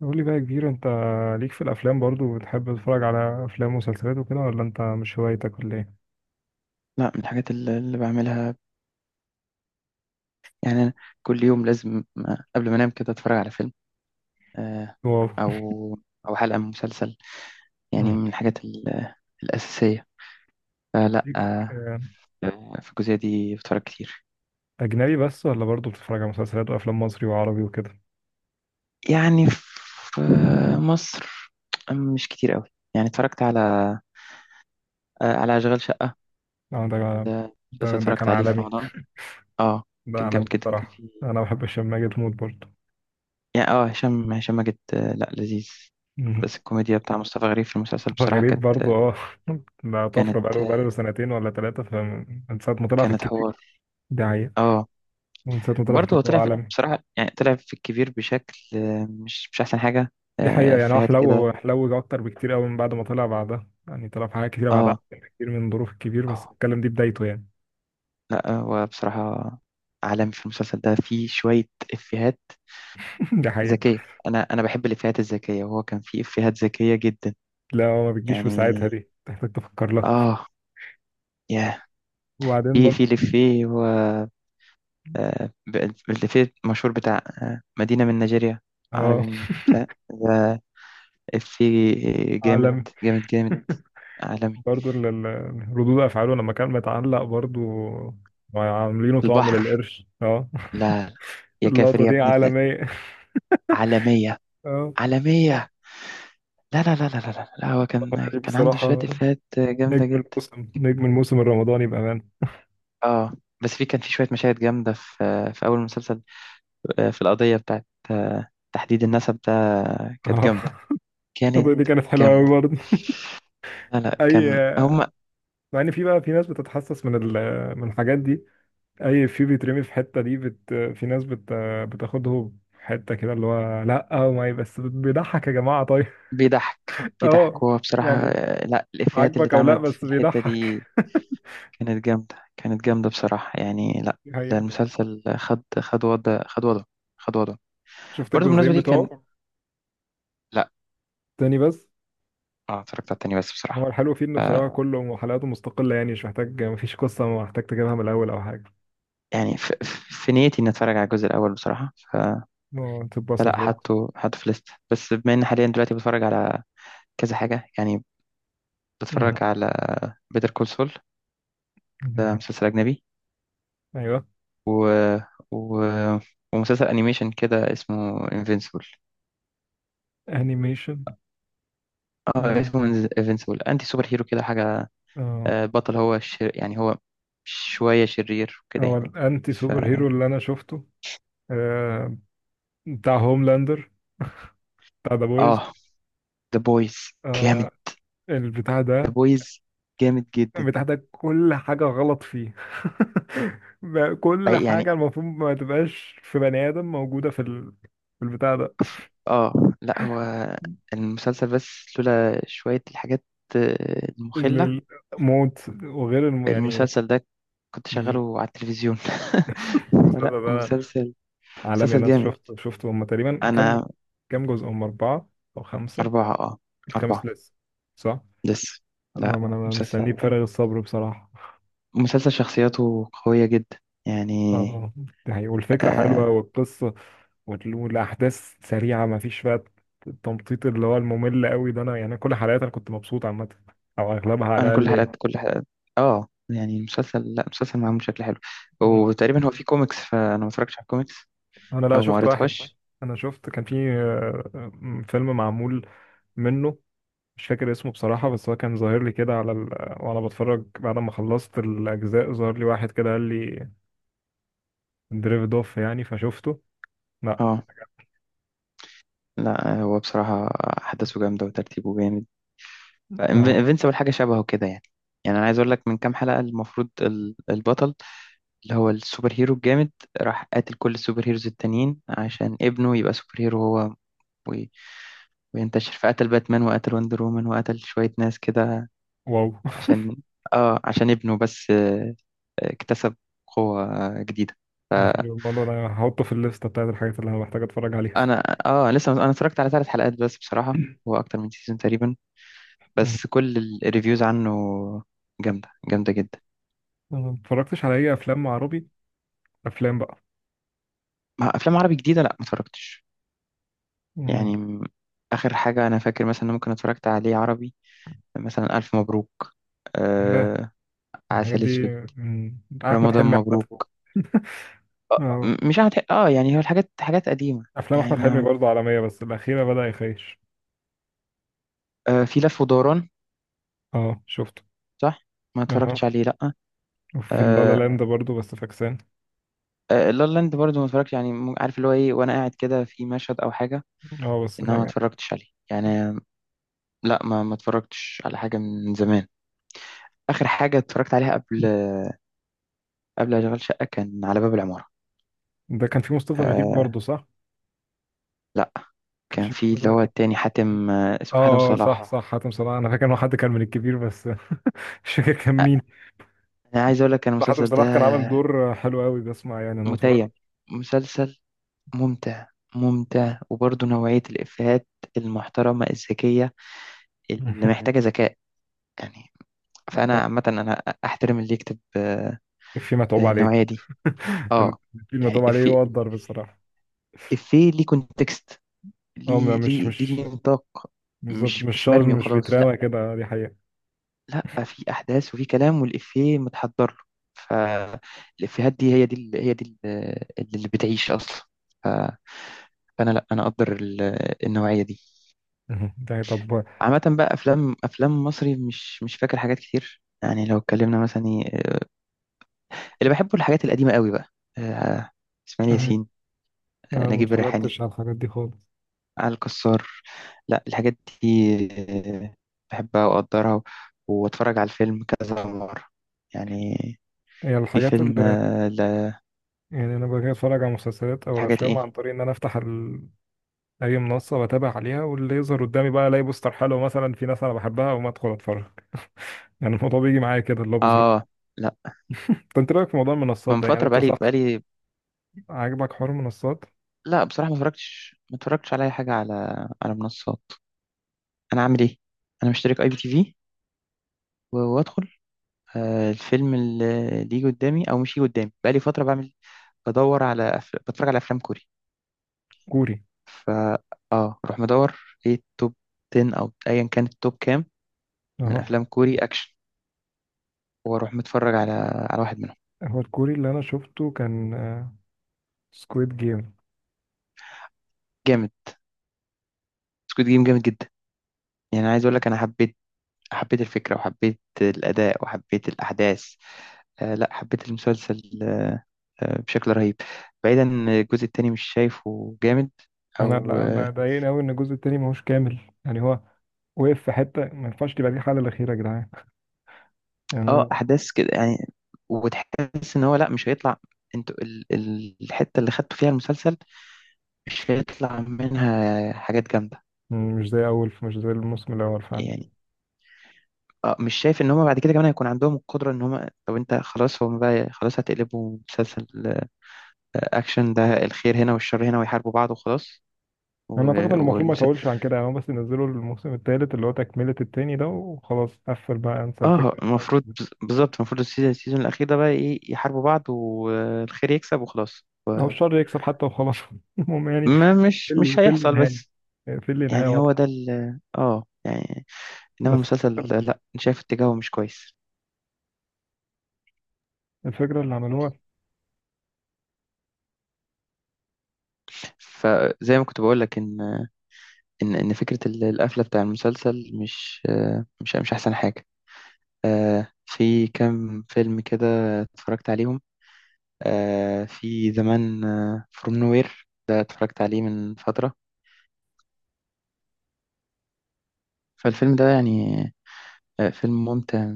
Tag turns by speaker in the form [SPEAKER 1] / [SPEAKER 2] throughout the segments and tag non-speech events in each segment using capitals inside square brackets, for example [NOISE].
[SPEAKER 1] قول لي بقى يا كبير، انت ليك في الافلام برضو، بتحب تتفرج على افلام ومسلسلات وكده ولا انت مش هوايتك ولا ايه؟
[SPEAKER 2] لا، من الحاجات اللي بعملها. يعني أنا كل يوم لازم، قبل ما انام كده اتفرج على فيلم، آه،
[SPEAKER 1] واو.
[SPEAKER 2] او او حلقة من مسلسل. يعني
[SPEAKER 1] مم.
[SPEAKER 2] من الحاجات الأساسية. فلا،
[SPEAKER 1] ليك آه،
[SPEAKER 2] في الجزئية دي بتفرج كتير.
[SPEAKER 1] اجنبي بس ولا برضو بتتفرج على مسلسلات وافلام مصري وعربي وكده؟
[SPEAKER 2] يعني في مصر مش كتير قوي. يعني اتفرجت على أشغال شقة.
[SPEAKER 1] اه، ده
[SPEAKER 2] ده مسلسل
[SPEAKER 1] ده كان
[SPEAKER 2] اتفرجت عليه في
[SPEAKER 1] عالمي.
[SPEAKER 2] رمضان. اه
[SPEAKER 1] ده
[SPEAKER 2] كان جامد
[SPEAKER 1] عالمي
[SPEAKER 2] جدا. كان
[SPEAKER 1] بصراحة،
[SPEAKER 2] فيه
[SPEAKER 1] انا بحب هشام ماجد موت برضو.
[SPEAKER 2] يعني، هشام ماجد، لا، لذيذ.
[SPEAKER 1] مم.
[SPEAKER 2] بس الكوميديا بتاع مصطفى غريب في المسلسل
[SPEAKER 1] مصطفى
[SPEAKER 2] بصراحة
[SPEAKER 1] غريب برضو، اه. [LAUGHS] ده
[SPEAKER 2] كانت
[SPEAKER 1] طفرة، بقاله سنتين ولا ثلاثة، فمن ساعة ما طلع في
[SPEAKER 2] كانت
[SPEAKER 1] الكبير.
[SPEAKER 2] حوار.
[SPEAKER 1] ده حقيقة.
[SPEAKER 2] اه،
[SPEAKER 1] من ساعة ما طلع في
[SPEAKER 2] برضه هو
[SPEAKER 1] الكبير هو عالمي.
[SPEAKER 2] بصراحة يعني طلع في الكبير بشكل، مش أحسن حاجة.
[SPEAKER 1] دي حقيقة، يعني هو
[SPEAKER 2] إفيهات كده.
[SPEAKER 1] حلو حلو أكتر بكتير أوي من بعد ما طلع، بعدها يعني طلع في حاجات كتيرة بعدها
[SPEAKER 2] اه،
[SPEAKER 1] أحسن بكتير من ظروف الكبير، بس
[SPEAKER 2] اه،
[SPEAKER 1] الكلام دي بدايته يعني.
[SPEAKER 2] لا هو بصراحة عالم. في المسلسل ده فيه شوية إفيهات
[SPEAKER 1] [LAUGHS] دي حقيقة.
[SPEAKER 2] ذكية. أنا بحب الإفيهات الذكية، وهو كان فيه إفيهات ذكية جدا.
[SPEAKER 1] لا، هو ما بتجيش في
[SPEAKER 2] يعني،
[SPEAKER 1] ساعتها، دي تحتاج تفكر لها.
[SPEAKER 2] اه يا
[SPEAKER 1] وبعدين
[SPEAKER 2] في
[SPEAKER 1] برضه،
[SPEAKER 2] الإفيه هو، آه، ب- الإفيه المشهور بتاع، مدينة من نيجيريا
[SPEAKER 1] اه،
[SPEAKER 2] عربي من بتاع ده. إفيه جامد،
[SPEAKER 1] عالمي.
[SPEAKER 2] جامد جامد،
[SPEAKER 1] [LAUGHS]
[SPEAKER 2] عالمي.
[SPEAKER 1] برضه ردود أفعاله لما كان متعلق برضه عاملينه طعم
[SPEAKER 2] البحر،
[SPEAKER 1] للقرش، اه.
[SPEAKER 2] لا، لا.
[SPEAKER 1] [LAUGHS]
[SPEAKER 2] يا كافر
[SPEAKER 1] اللقطة
[SPEAKER 2] يا
[SPEAKER 1] دي
[SPEAKER 2] ابن اللد.
[SPEAKER 1] عالمية. [LAUGHS]
[SPEAKER 2] عالمية،
[SPEAKER 1] اه.
[SPEAKER 2] عالمية. لا، لا، لا، لا، لا، لا، لا، هو كان
[SPEAKER 1] غريب
[SPEAKER 2] كان عنده شوية
[SPEAKER 1] بصراحة،
[SPEAKER 2] إفيهات جامدة
[SPEAKER 1] نجم
[SPEAKER 2] جدا.
[SPEAKER 1] الموسم، نجم الموسم الرمضاني بأمان.
[SPEAKER 2] اه، بس في كان في شوية مشاهد جامدة في أول مسلسل، في القضية بتاعت، تحديد النسب ده. كانت
[SPEAKER 1] اه.
[SPEAKER 2] جامدة
[SPEAKER 1] [LAUGHS]
[SPEAKER 2] كانت
[SPEAKER 1] اللقطة دي كانت حلوة أوي
[SPEAKER 2] جامدة
[SPEAKER 1] برضه.
[SPEAKER 2] لا، لا،
[SPEAKER 1] أي.
[SPEAKER 2] كان هما
[SPEAKER 1] مع ان في بقى، في ناس بتتحسس من الحاجات دي، اي، في بيترمي في حته دي، في ناس بتاخده في حته كده اللي هو، لا ما بس بيضحك يا جماعه طيب.
[SPEAKER 2] بيضحك
[SPEAKER 1] [LAUGHS]
[SPEAKER 2] بيضحك
[SPEAKER 1] اه،
[SPEAKER 2] هو بصراحة،
[SPEAKER 1] يعني
[SPEAKER 2] لا، الإفيهات اللي
[SPEAKER 1] عاجبك او لا
[SPEAKER 2] اتعملت في
[SPEAKER 1] بس
[SPEAKER 2] الحتة
[SPEAKER 1] بيضحك.
[SPEAKER 2] دي
[SPEAKER 1] [LAUGHS]
[SPEAKER 2] كانت جامدة بصراحة، يعني لا.
[SPEAKER 1] دي
[SPEAKER 2] ده
[SPEAKER 1] حقيقة.
[SPEAKER 2] المسلسل خد وضعه.
[SPEAKER 1] شفت
[SPEAKER 2] برضه بالمناسبة
[SPEAKER 1] الجزئين
[SPEAKER 2] دي كان،
[SPEAKER 1] بتوعه؟
[SPEAKER 2] لا،
[SPEAKER 1] تاني بس.
[SPEAKER 2] اه اتفرجت على التاني بس
[SPEAKER 1] هو
[SPEAKER 2] بصراحة.
[SPEAKER 1] الحلو فيه
[SPEAKER 2] ف
[SPEAKER 1] انه بصراحه كله حلقاته مستقله، يعني مش محتاج، مفيش قصه محتاج تجيبها من الاول او حاجه.
[SPEAKER 2] يعني ف... في نيتي اني اتفرج على الجزء الاول بصراحة.
[SPEAKER 1] اه، تتبسط
[SPEAKER 2] فلا،
[SPEAKER 1] برضه.
[SPEAKER 2] حطه في ليست. بس بما ان حاليا دلوقتي بتفرج على كذا حاجة يعني
[SPEAKER 1] مهم.
[SPEAKER 2] بتفرج على بيتر كول سول. ده
[SPEAKER 1] [LAUGHS]
[SPEAKER 2] مسلسل اجنبي،
[SPEAKER 1] ايوه.
[SPEAKER 2] و... و... ومسلسل انيميشن كده اسمه انفينسيبل.
[SPEAKER 1] انيميشن،
[SPEAKER 2] اه
[SPEAKER 1] اه.
[SPEAKER 2] اسمه انفينسيبل. انتي سوبر هيرو كده حاجة،
[SPEAKER 1] اه،
[SPEAKER 2] البطل هو يعني هو شوية شرير وكده
[SPEAKER 1] هو
[SPEAKER 2] يعني.
[SPEAKER 1] الانتي
[SPEAKER 2] ف...
[SPEAKER 1] سوبر هيرو اللي انا شفته، آه، بتاع هوملاندر، بتاع ذا بويز.
[SPEAKER 2] اه ذا بويز جامد.
[SPEAKER 1] آه، البتاع
[SPEAKER 2] ذا
[SPEAKER 1] ده،
[SPEAKER 2] بويز جامد جدا.
[SPEAKER 1] البتاع ده كل حاجة غلط فيه. [LAUGHS] بقى كل
[SPEAKER 2] يعني،
[SPEAKER 1] حاجة المفروض ما تبقاش في بني آدم موجودة في البتاع ده،
[SPEAKER 2] اه لا، هو المسلسل بس، لولا شوية الحاجات، المخلة.
[SPEAKER 1] ال- الموت وغير يعني،
[SPEAKER 2] المسلسل ده كنت شغاله على التلفزيون [LAUGHS] فلا،
[SPEAKER 1] المسلسل ده
[SPEAKER 2] مسلسل
[SPEAKER 1] عالمي.
[SPEAKER 2] مسلسل
[SPEAKER 1] أنا
[SPEAKER 2] جامد.
[SPEAKER 1] شفته هما تقريبا كام
[SPEAKER 2] أنا،
[SPEAKER 1] كام جزء، هما أربعة أو خمسة؟
[SPEAKER 2] أربعة،
[SPEAKER 1] الخامس
[SPEAKER 2] أربعة
[SPEAKER 1] لسه، صح؟
[SPEAKER 2] لسه.
[SPEAKER 1] اه،
[SPEAKER 2] لا،
[SPEAKER 1] ما أنا مستنيه
[SPEAKER 2] مسلسل
[SPEAKER 1] بفارغ الصبر بصراحة.
[SPEAKER 2] مسلسل شخصياته قوية جدا، يعني.
[SPEAKER 1] اه، ده والفكرة حلوة
[SPEAKER 2] آه
[SPEAKER 1] والقصة، والأحداث سريعة، مفيش بقى التمطيط اللي هو الممل قوي ده. أنا يعني كل حلقات أنا كنت مبسوط عامة، أو أغلبها على
[SPEAKER 2] أنا كل
[SPEAKER 1] الأقل، يعني.
[SPEAKER 2] حلقات كل حلقات اه يعني المسلسل، لا، مسلسل معمول بشكل حلو.
[SPEAKER 1] مم.
[SPEAKER 2] وتقريبا هو فيه كوميكس، فأنا ما اتفرجتش على الكوميكس
[SPEAKER 1] أنا لا،
[SPEAKER 2] أو ما
[SPEAKER 1] شفت طب واحد كويس.
[SPEAKER 2] قريتهاش.
[SPEAKER 1] أنا شفت كان في فيلم معمول منه، مش فاكر اسمه بصراحة، بس هو كان ظاهر لي كده على. وأنا بتفرج بعد ما خلصت الأجزاء ظهر لي واحد كده قال لي دريفد أوف، يعني فشفته. لا،
[SPEAKER 2] اه لا، هو بصراحة أحداثه جامدة وترتيبه جامد.
[SPEAKER 1] آه. آه،
[SPEAKER 2] انفينسيبل حاجة شبهه كده يعني. يعني أنا عايز أقول لك، من كام حلقة المفروض البطل اللي هو السوبر هيرو الجامد راح قاتل كل السوبر هيروز التانيين عشان ابنه يبقى سوبر هيرو هو وي- وينتشر، فقتل باتمان وقتل وندر وومن وقتل شوية ناس كده،
[SPEAKER 1] واو. [LAUGHS]
[SPEAKER 2] عشان عشان ابنه بس، اكتسب قوة جديدة.
[SPEAKER 1] ده
[SPEAKER 2] فأنا،
[SPEAKER 1] حلو، الموضوع ده هحطه في الليستة بتاعت الحاجات اللي أنا محتاج أتفرج عليها.
[SPEAKER 2] لسه أنا اتفرجت على 3 حلقات بس بصراحة. هو أكتر من سيزون تقريبا،
[SPEAKER 1] مم.
[SPEAKER 2] بس كل الريفيوز عنه جامدة، جامدة جدا.
[SPEAKER 1] أنا ما اتفرجتش على اي افلام عربي، افلام بقى.
[SPEAKER 2] ما أفلام عربي جديدة لأ، ما اتفرجتش.
[SPEAKER 1] مم.
[SPEAKER 2] يعني م- آخر حاجة أنا فاكر مثلا إن ممكن اتفرجت عليه عربي، مثلا ألف مبروك،
[SPEAKER 1] ياه،
[SPEAKER 2] آه
[SPEAKER 1] الحاجات
[SPEAKER 2] عسل
[SPEAKER 1] دي.
[SPEAKER 2] أسود،
[SPEAKER 1] مم. احمد
[SPEAKER 2] رمضان
[SPEAKER 1] حلمي عامه.
[SPEAKER 2] مبروك.
[SPEAKER 1] [LAUGHS] اه.
[SPEAKER 2] مش عارف، يعني هو الحاجات حاجات قديمة.
[SPEAKER 1] افلام
[SPEAKER 2] يعني،
[SPEAKER 1] احمد حلمي
[SPEAKER 2] ما
[SPEAKER 1] برضه عالميه، بس الاخيره بدا يخيش.
[SPEAKER 2] في لف ودوران.
[SPEAKER 1] اه، شفته.
[SPEAKER 2] صح، ما اتفرجتش
[SPEAKER 1] اه.
[SPEAKER 2] عليه لأ.
[SPEAKER 1] وفي اللا لا
[SPEAKER 2] آه
[SPEAKER 1] لاند برضه، بس فاكسان.
[SPEAKER 2] لا لا لاند برضه ما اتفرجتش. يعني عارف اللي هو ايه، وانا قاعد كده في مشهد او حاجة.
[SPEAKER 1] اه، بس لا
[SPEAKER 2] انما ما
[SPEAKER 1] يعني.
[SPEAKER 2] اتفرجتش عليه يعني. لا، ما اتفرجتش على حاجة من زمان. اخر حاجه اتفرجت عليها، قبل اشغال شقه، كان على باب العماره.
[SPEAKER 1] ده كان في مصطفى غريب
[SPEAKER 2] آه
[SPEAKER 1] برضه، صح؟
[SPEAKER 2] لا،
[SPEAKER 1] كان
[SPEAKER 2] كان
[SPEAKER 1] في
[SPEAKER 2] في
[SPEAKER 1] مصطفى
[SPEAKER 2] اللي هو
[SPEAKER 1] غريب.
[SPEAKER 2] التاني، حاتم آه
[SPEAKER 1] اه،
[SPEAKER 2] اسمه حاتم
[SPEAKER 1] صح
[SPEAKER 2] صلاح.
[SPEAKER 1] صح، حاتم صلاح، انا فاكر انه حد كان من الكبير بس. [LAUGHS] مش فاكر كان
[SPEAKER 2] آه
[SPEAKER 1] مين.
[SPEAKER 2] انا عايز اقول لك، انا
[SPEAKER 1] حاتم
[SPEAKER 2] المسلسل ده
[SPEAKER 1] صلاح كان عامل دور حلو قوي، بسمع يعني، انا
[SPEAKER 2] متيم
[SPEAKER 1] اتفرجت.
[SPEAKER 2] مسلسل ممتع ممتع وبرضه نوعيه الافيهات المحترمه الذكيه، اللي محتاجه
[SPEAKER 1] [LAUGHS]
[SPEAKER 2] ذكاء، يعني. فانا عامه انا احترم اللي يكتب،
[SPEAKER 1] في متعوب عليه.
[SPEAKER 2] النوعيه دي.
[SPEAKER 1] [LAUGHS]
[SPEAKER 2] اه
[SPEAKER 1] في المتعوب
[SPEAKER 2] يعني
[SPEAKER 1] عليه
[SPEAKER 2] افيه
[SPEAKER 1] يقدر بصراحة.
[SPEAKER 2] افيه ليه كونتكست،
[SPEAKER 1] اه،
[SPEAKER 2] ليه،
[SPEAKER 1] مش
[SPEAKER 2] ليه
[SPEAKER 1] مش
[SPEAKER 2] ليه نطاق.
[SPEAKER 1] بالظبط،
[SPEAKER 2] مش
[SPEAKER 1] مش
[SPEAKER 2] مش
[SPEAKER 1] شاز،
[SPEAKER 2] مرمي
[SPEAKER 1] مش
[SPEAKER 2] وخلاص.
[SPEAKER 1] بيتراوى كده، دي حقيقة.
[SPEAKER 2] لا، في احداث وفي كلام والافيه متحضر له. فالافيهات دي هي دي هي دي اللي بتعيش اصلا. ف- فانا، لا، انا اقدر النوعيه دي.
[SPEAKER 1] يعني طب
[SPEAKER 2] عامه بقى، افلام مصري مش فاكر حاجات كتير. يعني لو اتكلمنا مثلا، اللي بحبه الحاجات القديمه قوي بقى، آه، اسماعيل
[SPEAKER 1] انا،
[SPEAKER 2] ياسين،
[SPEAKER 1] أنا ما
[SPEAKER 2] نجيب الريحاني،
[SPEAKER 1] اتفرجتش على الحاجات دي خالص.
[SPEAKER 2] علي الكسار. لا، الحاجات دي، آه، بحبها واقدرها واتفرج على الفيلم كذا مره، يعني.
[SPEAKER 1] هي
[SPEAKER 2] في
[SPEAKER 1] الحاجات
[SPEAKER 2] فيلم،
[SPEAKER 1] اللي يعني انا باجي اتفرج على مسلسلات او
[SPEAKER 2] لحاجات
[SPEAKER 1] الافلام
[SPEAKER 2] ايه.
[SPEAKER 1] عن طريق ان انا افتح اي منصة واتابع عليها، واللي يظهر قدامي بقى الاقي بوستر حلو، مثلا في ناس انا بحبها وما ادخل اتفرج. يعني الموضوع بيجي معايا كده اللي هو بظروف.
[SPEAKER 2] اه لا،
[SPEAKER 1] طب انت رايك في موضوع المنصات
[SPEAKER 2] من
[SPEAKER 1] ده، يعني
[SPEAKER 2] فترة،
[SPEAKER 1] انت،
[SPEAKER 2] بقالي
[SPEAKER 1] صح؟
[SPEAKER 2] بقالي
[SPEAKER 1] عاجبك حوار المنصات؟
[SPEAKER 2] لا بصراحة، ما اتفرجتش على اي حاجة، على منصات. انا عامل ايه؟ انا مشترك IPTV، وادخل الفيلم اللي يجي قدامي او مش يجي قدامي. بقالي فترة بعمل، بتفرج على افلام كوري.
[SPEAKER 1] كوري؟
[SPEAKER 2] ف اه اروح مدور ايه التوب 10 او ايا كان التوب كام، من
[SPEAKER 1] اهو.
[SPEAKER 2] افلام كوري اكشن، واروح متفرج على واحد منهم.
[SPEAKER 1] هو الكوري اللي انا شفته كان سكويد جيم.
[SPEAKER 2] جامد، سكوت جيم جامد جدا. يعني عايز اقول لك، انا حبيت الفكرة، وحبيت الاداء، وحبيت الاحداث. لا، حبيت المسلسل بشكل رهيب. بعيدا إن الجزء التاني مش شايفه جامد.
[SPEAKER 1] انا
[SPEAKER 2] او،
[SPEAKER 1] لا ضايقني قوي ان الجزء التاني ماهوش كامل، يعني هو وقف في حته، ما ينفعش تبقى دي الحاله الاخيره يا جدعان. يعني أنا،
[SPEAKER 2] احداث كده، يعني. وتحس ان هو، لا، مش هيطلع. انتوا الحتة اللي خدتوا فيها المسلسل مش هيطلع منها حاجات جامدة،
[SPEAKER 1] مش زي الموسم الاول فعلا.
[SPEAKER 2] يعني. اه، مش شايف ان هم بعد كده كمان هيكون عندهم القدرة، ان هم، طب انت خلاص، هم بقى خلاص هتقلبوا مسلسل، اكشن ده، الخير هنا والشر هنا ويحاربوا بعض وخلاص.
[SPEAKER 1] انا اعتقد انه
[SPEAKER 2] و-
[SPEAKER 1] المفروض ما
[SPEAKER 2] والمسلسل
[SPEAKER 1] يطولش عن كده، يعني هو بس ينزلوا الموسم التالت اللي هو تكمله التاني ده وخلاص، قفل بقى، انسى
[SPEAKER 2] اه،
[SPEAKER 1] الفكره
[SPEAKER 2] المفروض،
[SPEAKER 1] دي.
[SPEAKER 2] بالظبط، المفروض السيزون الاخير ده بقى ايه، يحاربوا بعض والخير يكسب وخلاص.
[SPEAKER 1] او الشر يكسب حتى وخلاص. [LAUGHS] المهم يعني،
[SPEAKER 2] ما
[SPEAKER 1] في
[SPEAKER 2] مش
[SPEAKER 1] اللي
[SPEAKER 2] مش
[SPEAKER 1] في اللي
[SPEAKER 2] هيحصل
[SPEAKER 1] نهايه،
[SPEAKER 2] بس.
[SPEAKER 1] في اللي نهايه
[SPEAKER 2] يعني هو
[SPEAKER 1] واضحه،
[SPEAKER 2] ده ال اه يعني. انما
[SPEAKER 1] بس
[SPEAKER 2] المسلسل ده، لا، أنا شايف اتجاهه مش كويس.
[SPEAKER 1] الفكره اللي عملوها.
[SPEAKER 2] فزي ما كنت بقول لك، ان ان فكره القفله بتاع المسلسل مش، مش احسن حاجه. في كام فيلم كده اتفرجت عليهم، في زمان، فروم نوير ده اتفرجت عليه من فتره. فالفيلم ده يعني، فيلم ممتع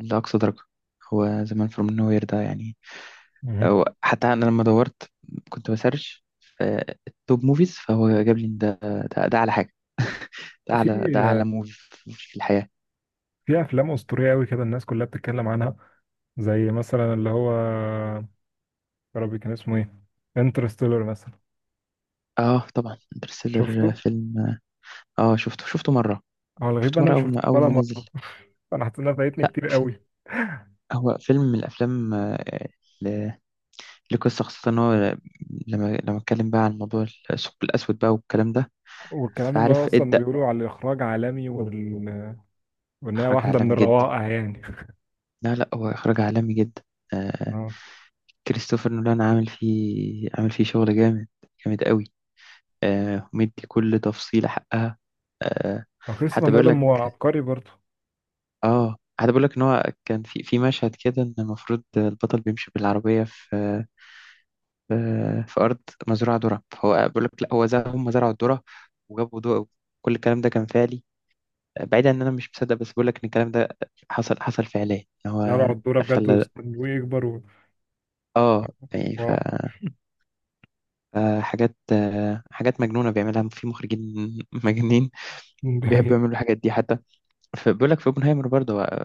[SPEAKER 2] لأقصى درجة. هو زمان فروم نو وير ده، يعني.
[SPEAKER 1] مهم.
[SPEAKER 2] أو حتى أنا لما دورت، كنت بسرش في التوب موفيز، فهو جاب لي إن ده، ده أعلى حاجة. ده أعلى، ده
[SPEAKER 1] في
[SPEAKER 2] أعلى موفي في الحياة.
[SPEAKER 1] في افلام اسطوريه قوي كده، الناس كلها بتتكلم عنها، زي مثلا اللي هو، يا ربي كان اسمه ايه، انترستيلر مثلا.
[SPEAKER 2] طبعا انترستيلر
[SPEAKER 1] شفته؟
[SPEAKER 2] فيلم. شفته مرة
[SPEAKER 1] هو الغريب بقى
[SPEAKER 2] شفته
[SPEAKER 1] انا
[SPEAKER 2] مرة،
[SPEAKER 1] ما
[SPEAKER 2] أول ما
[SPEAKER 1] شفتوش
[SPEAKER 2] أول
[SPEAKER 1] ولا
[SPEAKER 2] ما نزل.
[SPEAKER 1] مره. انا حاسس انها فايتني
[SPEAKER 2] لا،
[SPEAKER 1] كتير قوي.
[SPEAKER 2] هو فيلم من الأفلام، ل- لقصة خاصة، إن هو لما اتكلم بقى عن موضوع الثقب الأسود بقى والكلام ده،
[SPEAKER 1] والكلام اللي هو
[SPEAKER 2] فعارف
[SPEAKER 1] اصلا
[SPEAKER 2] ادى
[SPEAKER 1] بيقولوا على الاخراج عالمي وان هي
[SPEAKER 2] إخراج
[SPEAKER 1] واحده من
[SPEAKER 2] عالمي جدا.
[SPEAKER 1] الروائع يعني.
[SPEAKER 2] لا، لا، هو إخراج عالمي جدا. آه
[SPEAKER 1] اه،
[SPEAKER 2] كريستوفر نولان عامل فيه شغل جامد، جامد قوي. مدي كل تفصيلة حقها. آه
[SPEAKER 1] هو كريستوفر
[SPEAKER 2] حتى بيقول
[SPEAKER 1] نولان
[SPEAKER 2] لك،
[SPEAKER 1] هو عبقري برضه.
[SPEAKER 2] ان هو كان في في مشهد كده، ان المفروض البطل بيمشي بالعربية في في, في أرض مزروعة ذرة. فهو بيقول لك، لا، هو زرع هم زرعوا الذرة وجابوا ضوء، كل الكلام ده كان فعلي. بعيد عن ان انا مش مصدق، بس بقول لك ان الكلام ده حصل فعليا، ان
[SPEAKER 1] زرعوا على
[SPEAKER 2] هو
[SPEAKER 1] الدوره بجد
[SPEAKER 2] خلى.
[SPEAKER 1] واستنوه يكبر
[SPEAKER 2] اه يعني ف
[SPEAKER 1] واو.
[SPEAKER 2] حاجات مجنونة بيعملها، في مخرجين [LAUGHS] مجانين
[SPEAKER 1] [LAUGHS] دي
[SPEAKER 2] بيحبوا
[SPEAKER 1] حقيقة.
[SPEAKER 2] يعملوا الحاجات دي. حتى بيقول لك في اوبنهايمر برضه، هو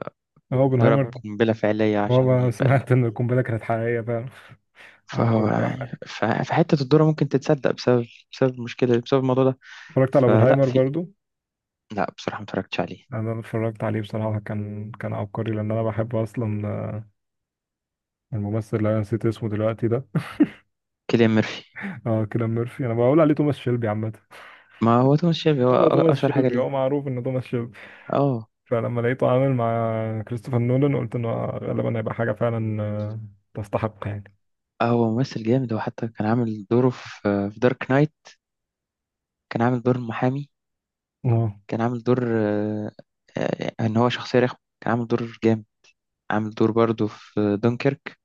[SPEAKER 1] هو
[SPEAKER 2] ضرب
[SPEAKER 1] اوبنهايمر،
[SPEAKER 2] قنبلة فعلية
[SPEAKER 1] هو
[SPEAKER 2] عشان
[SPEAKER 1] ما
[SPEAKER 2] يبقى
[SPEAKER 1] سمعت ان القنبله كانت حقيقيه فعلا. عمل
[SPEAKER 2] فهو،
[SPEAKER 1] قنبله
[SPEAKER 2] يعني،
[SPEAKER 1] حقيقية.
[SPEAKER 2] فحتة الدورة ممكن تتصدق، بسبب المشكلة، بسبب الموضوع ده.
[SPEAKER 1] اتفرجت على
[SPEAKER 2] فلا
[SPEAKER 1] اوبنهايمر
[SPEAKER 2] في
[SPEAKER 1] برضه.
[SPEAKER 2] لا بصراحة، ما اتفرجتش عليه.
[SPEAKER 1] انا اتفرجت عليه بصراحه، كان عبقري، لان انا بحب اصلا الممثل اللي انا نسيت اسمه دلوقتي ده.
[SPEAKER 2] كيليان ميرفي.
[SPEAKER 1] اه، كيليان ميرفي. انا بقول عليه توماس شيلبي عامه.
[SPEAKER 2] ما هو توماس شيلبي هو،
[SPEAKER 1] هو توماس
[SPEAKER 2] أشهر حاجة
[SPEAKER 1] شيلبي،
[SPEAKER 2] ليه.
[SPEAKER 1] هو معروف انه توماس شيلبي.
[SPEAKER 2] اه،
[SPEAKER 1] فلما لقيته عامل مع كريستوفر نولان قلت انه غالبا هيبقى حاجه فعلا، تستحق يعني.
[SPEAKER 2] هو ممثل جامد. هو حتى كان عامل دوره في دارك نايت. كان عامل دور المحامي،
[SPEAKER 1] اه،
[SPEAKER 2] كان عامل دور، ان هو شخصية رخمة. كان عامل دور جامد. عامل دور برضه في دونكيرك،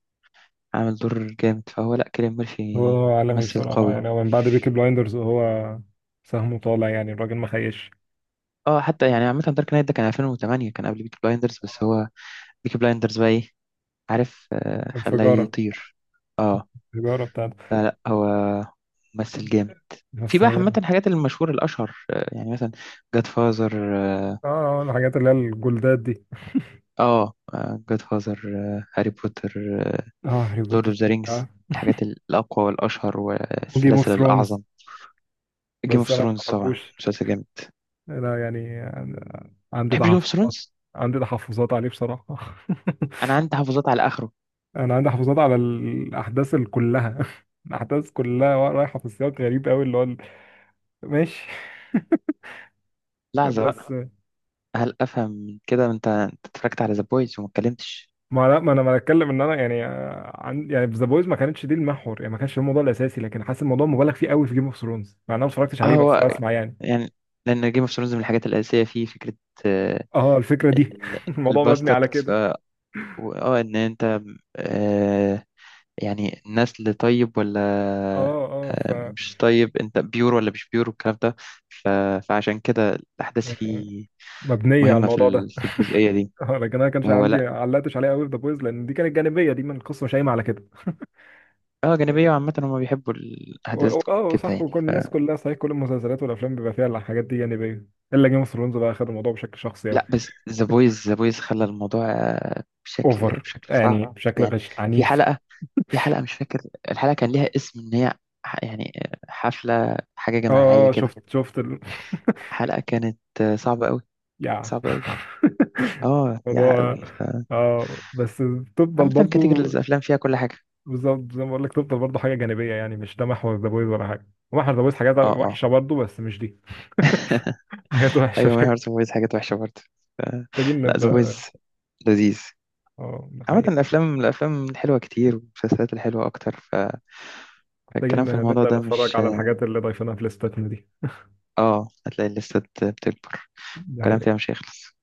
[SPEAKER 2] عامل دور جامد. فهو، لا، كيليان ميرفي
[SPEAKER 1] هو عالمي
[SPEAKER 2] ممثل
[SPEAKER 1] بصراحه،
[SPEAKER 2] قوي.
[SPEAKER 1] يعني هو من بعد بيكي بلايندرز وهو سهمه طالع يعني، الراجل ما خيش.
[SPEAKER 2] اه حتى يعني، عامة دارك نايت ده كان 2008، كان قبل بيكي بلايندرز. بس هو بيكي بلايندرز بقى ايه، عارف، خلاه
[SPEAKER 1] انفجاره،
[SPEAKER 2] يطير. اه،
[SPEAKER 1] الانفجاره بتاعته.
[SPEAKER 2] لا، لا، هو ممثل جامد. في
[SPEAKER 1] بس
[SPEAKER 2] بقى، عامة
[SPEAKER 1] اه،
[SPEAKER 2] الحاجات المشهورة الأشهر، يعني مثلا، جاد فازر
[SPEAKER 1] الحاجات اللي هي الجولدات دي.
[SPEAKER 2] اه جاد فازر هاري بوتر،
[SPEAKER 1] اه، هاري
[SPEAKER 2] لورد
[SPEAKER 1] بوتر.
[SPEAKER 2] اوف ذا رينجز،
[SPEAKER 1] اه،
[SPEAKER 2] الحاجات الأقوى والأشهر
[SPEAKER 1] وجيم اوف
[SPEAKER 2] والسلاسل
[SPEAKER 1] ثرونز.
[SPEAKER 2] الأعظم. جيم
[SPEAKER 1] بس
[SPEAKER 2] اوف
[SPEAKER 1] انا ما
[SPEAKER 2] ثرونز طبعا
[SPEAKER 1] بحبوش،
[SPEAKER 2] مسلسل جامد.
[SPEAKER 1] انا يعني عندي
[SPEAKER 2] تحب جيم اوف
[SPEAKER 1] تحفظات.
[SPEAKER 2] ثرونز؟
[SPEAKER 1] عندي تحفظات عليه بصراحة. [LAUGHS]
[SPEAKER 2] انا عندي حافظات على اخره.
[SPEAKER 1] انا عندي تحفظات على الاحداث كلها. [LAUGHS] الاحداث كلها رايحة في سياق غريب قوي اللي هو ماشي. [LAUGHS]
[SPEAKER 2] لحظه بقى،
[SPEAKER 1] بس،
[SPEAKER 2] هل افهم من كده انت اتفرجت على ذا بويز وما اتكلمتش؟
[SPEAKER 1] ما لا، ما انا ما اتكلم ان انا يعني، عن يعني في ذا بويز ما كانتش دي المحور، يعني ما كانش الموضوع الاساسي، لكن حاسس الموضوع مبالغ فيه قوي في جيم اوف ثرونز، مع ان انا ما اتفرجتش
[SPEAKER 2] اه
[SPEAKER 1] عليه بس
[SPEAKER 2] هو
[SPEAKER 1] هو بسمع يعني.
[SPEAKER 2] يعني، لان جيم اوف ثرونز من الحاجات الاساسيه فيه فكره، آه،
[SPEAKER 1] اه الفكرة دي.
[SPEAKER 2] ال-
[SPEAKER 1] [LAUGHS] الموضوع مبني على
[SPEAKER 2] الباستردز،
[SPEAKER 1] كده.
[SPEAKER 2] ان انت، آه، يعني نسل طيب
[SPEAKER 1] اه
[SPEAKER 2] ولا،
[SPEAKER 1] اه،
[SPEAKER 2] مش طيب، انت بيور ولا مش بيور، والكلام ده. ف- فعشان كده الاحداث
[SPEAKER 1] يعني
[SPEAKER 2] فيه
[SPEAKER 1] مبنية على
[SPEAKER 2] مهمه في
[SPEAKER 1] الموضوع ده.
[SPEAKER 2] ال- في الجزئيه
[SPEAKER 1] [LAUGHS]
[SPEAKER 2] دي.
[SPEAKER 1] لكن انا ما كانش
[SPEAKER 2] هو لا،
[SPEAKER 1] علقتش عليها قوي في ذا بويز، لان دي كانت جانبيه دي من القصه شايمه على كده
[SPEAKER 2] اه جانبيه،
[SPEAKER 1] يعني.
[SPEAKER 2] وعامه هم بيحبوا الاحداث تكون
[SPEAKER 1] اه
[SPEAKER 2] كده،
[SPEAKER 1] صح،
[SPEAKER 2] يعني.
[SPEAKER 1] وكل الناس كلها صحيح كل المسلسلات والافلام بيبقى فيها الحاجات دي جانبيه، الا جيم اوف ثرونز بقى خد الموضوع بشكل شخصي قوي.
[SPEAKER 2] لا، بس ذا بويز، خلى الموضوع، بشكل
[SPEAKER 1] اوفر
[SPEAKER 2] بشكل صعب.
[SPEAKER 1] يعني، بشكل
[SPEAKER 2] يعني،
[SPEAKER 1] غش
[SPEAKER 2] في
[SPEAKER 1] عنيف.
[SPEAKER 2] حلقة في حلقة مش فاكر الحلقة، كان ليها اسم ان هي، يعني، حفلة حاجة جماعية
[SPEAKER 1] اه،
[SPEAKER 2] كده.
[SPEAKER 1] شفت
[SPEAKER 2] حلقة كانت، صعبة قوي،
[SPEAKER 1] [LAUGHS] يا.
[SPEAKER 2] صعبة قوي.
[SPEAKER 1] [LAUGHS]
[SPEAKER 2] اه يا
[SPEAKER 1] موضوع،
[SPEAKER 2] قوي.
[SPEAKER 1] اه، بس تفضل
[SPEAKER 2] عامة كاتيجوري
[SPEAKER 1] برضو.
[SPEAKER 2] الافلام فيها كل حاجة.
[SPEAKER 1] بالظبط، زي ما بقول لك، تفضل برضو حاجه جانبيه، يعني مش ده محور ذا بويز ولا حاجه. محور ذا بويز حاجات
[SPEAKER 2] اه، اه،
[SPEAKER 1] وحشه برضو، بس مش دي. [LAUGHS] حاجات وحشه.
[SPEAKER 2] ايوه، محور ذا بويز حاجات وحشة برضه. ف...
[SPEAKER 1] محتاجين
[SPEAKER 2] لا، ذا بويز
[SPEAKER 1] نبدأ.
[SPEAKER 2] لذيذ.
[SPEAKER 1] اه، ده
[SPEAKER 2] عامة
[SPEAKER 1] حقيقة.
[SPEAKER 2] الأفلام الحلوة كتير، والمسلسلات الحلوة أكتر.
[SPEAKER 1] محتاجين
[SPEAKER 2] فالكلام في الموضوع
[SPEAKER 1] نبدأ
[SPEAKER 2] ده
[SPEAKER 1] نتفرج
[SPEAKER 2] مش،
[SPEAKER 1] على الحاجات اللي ضايفينها في ليستاتنا دي.
[SPEAKER 2] اه هتلاقي الليستة بتكبر،
[SPEAKER 1] ده
[SPEAKER 2] الكلام
[SPEAKER 1] حقيقة.
[SPEAKER 2] فيها مش هيخلص.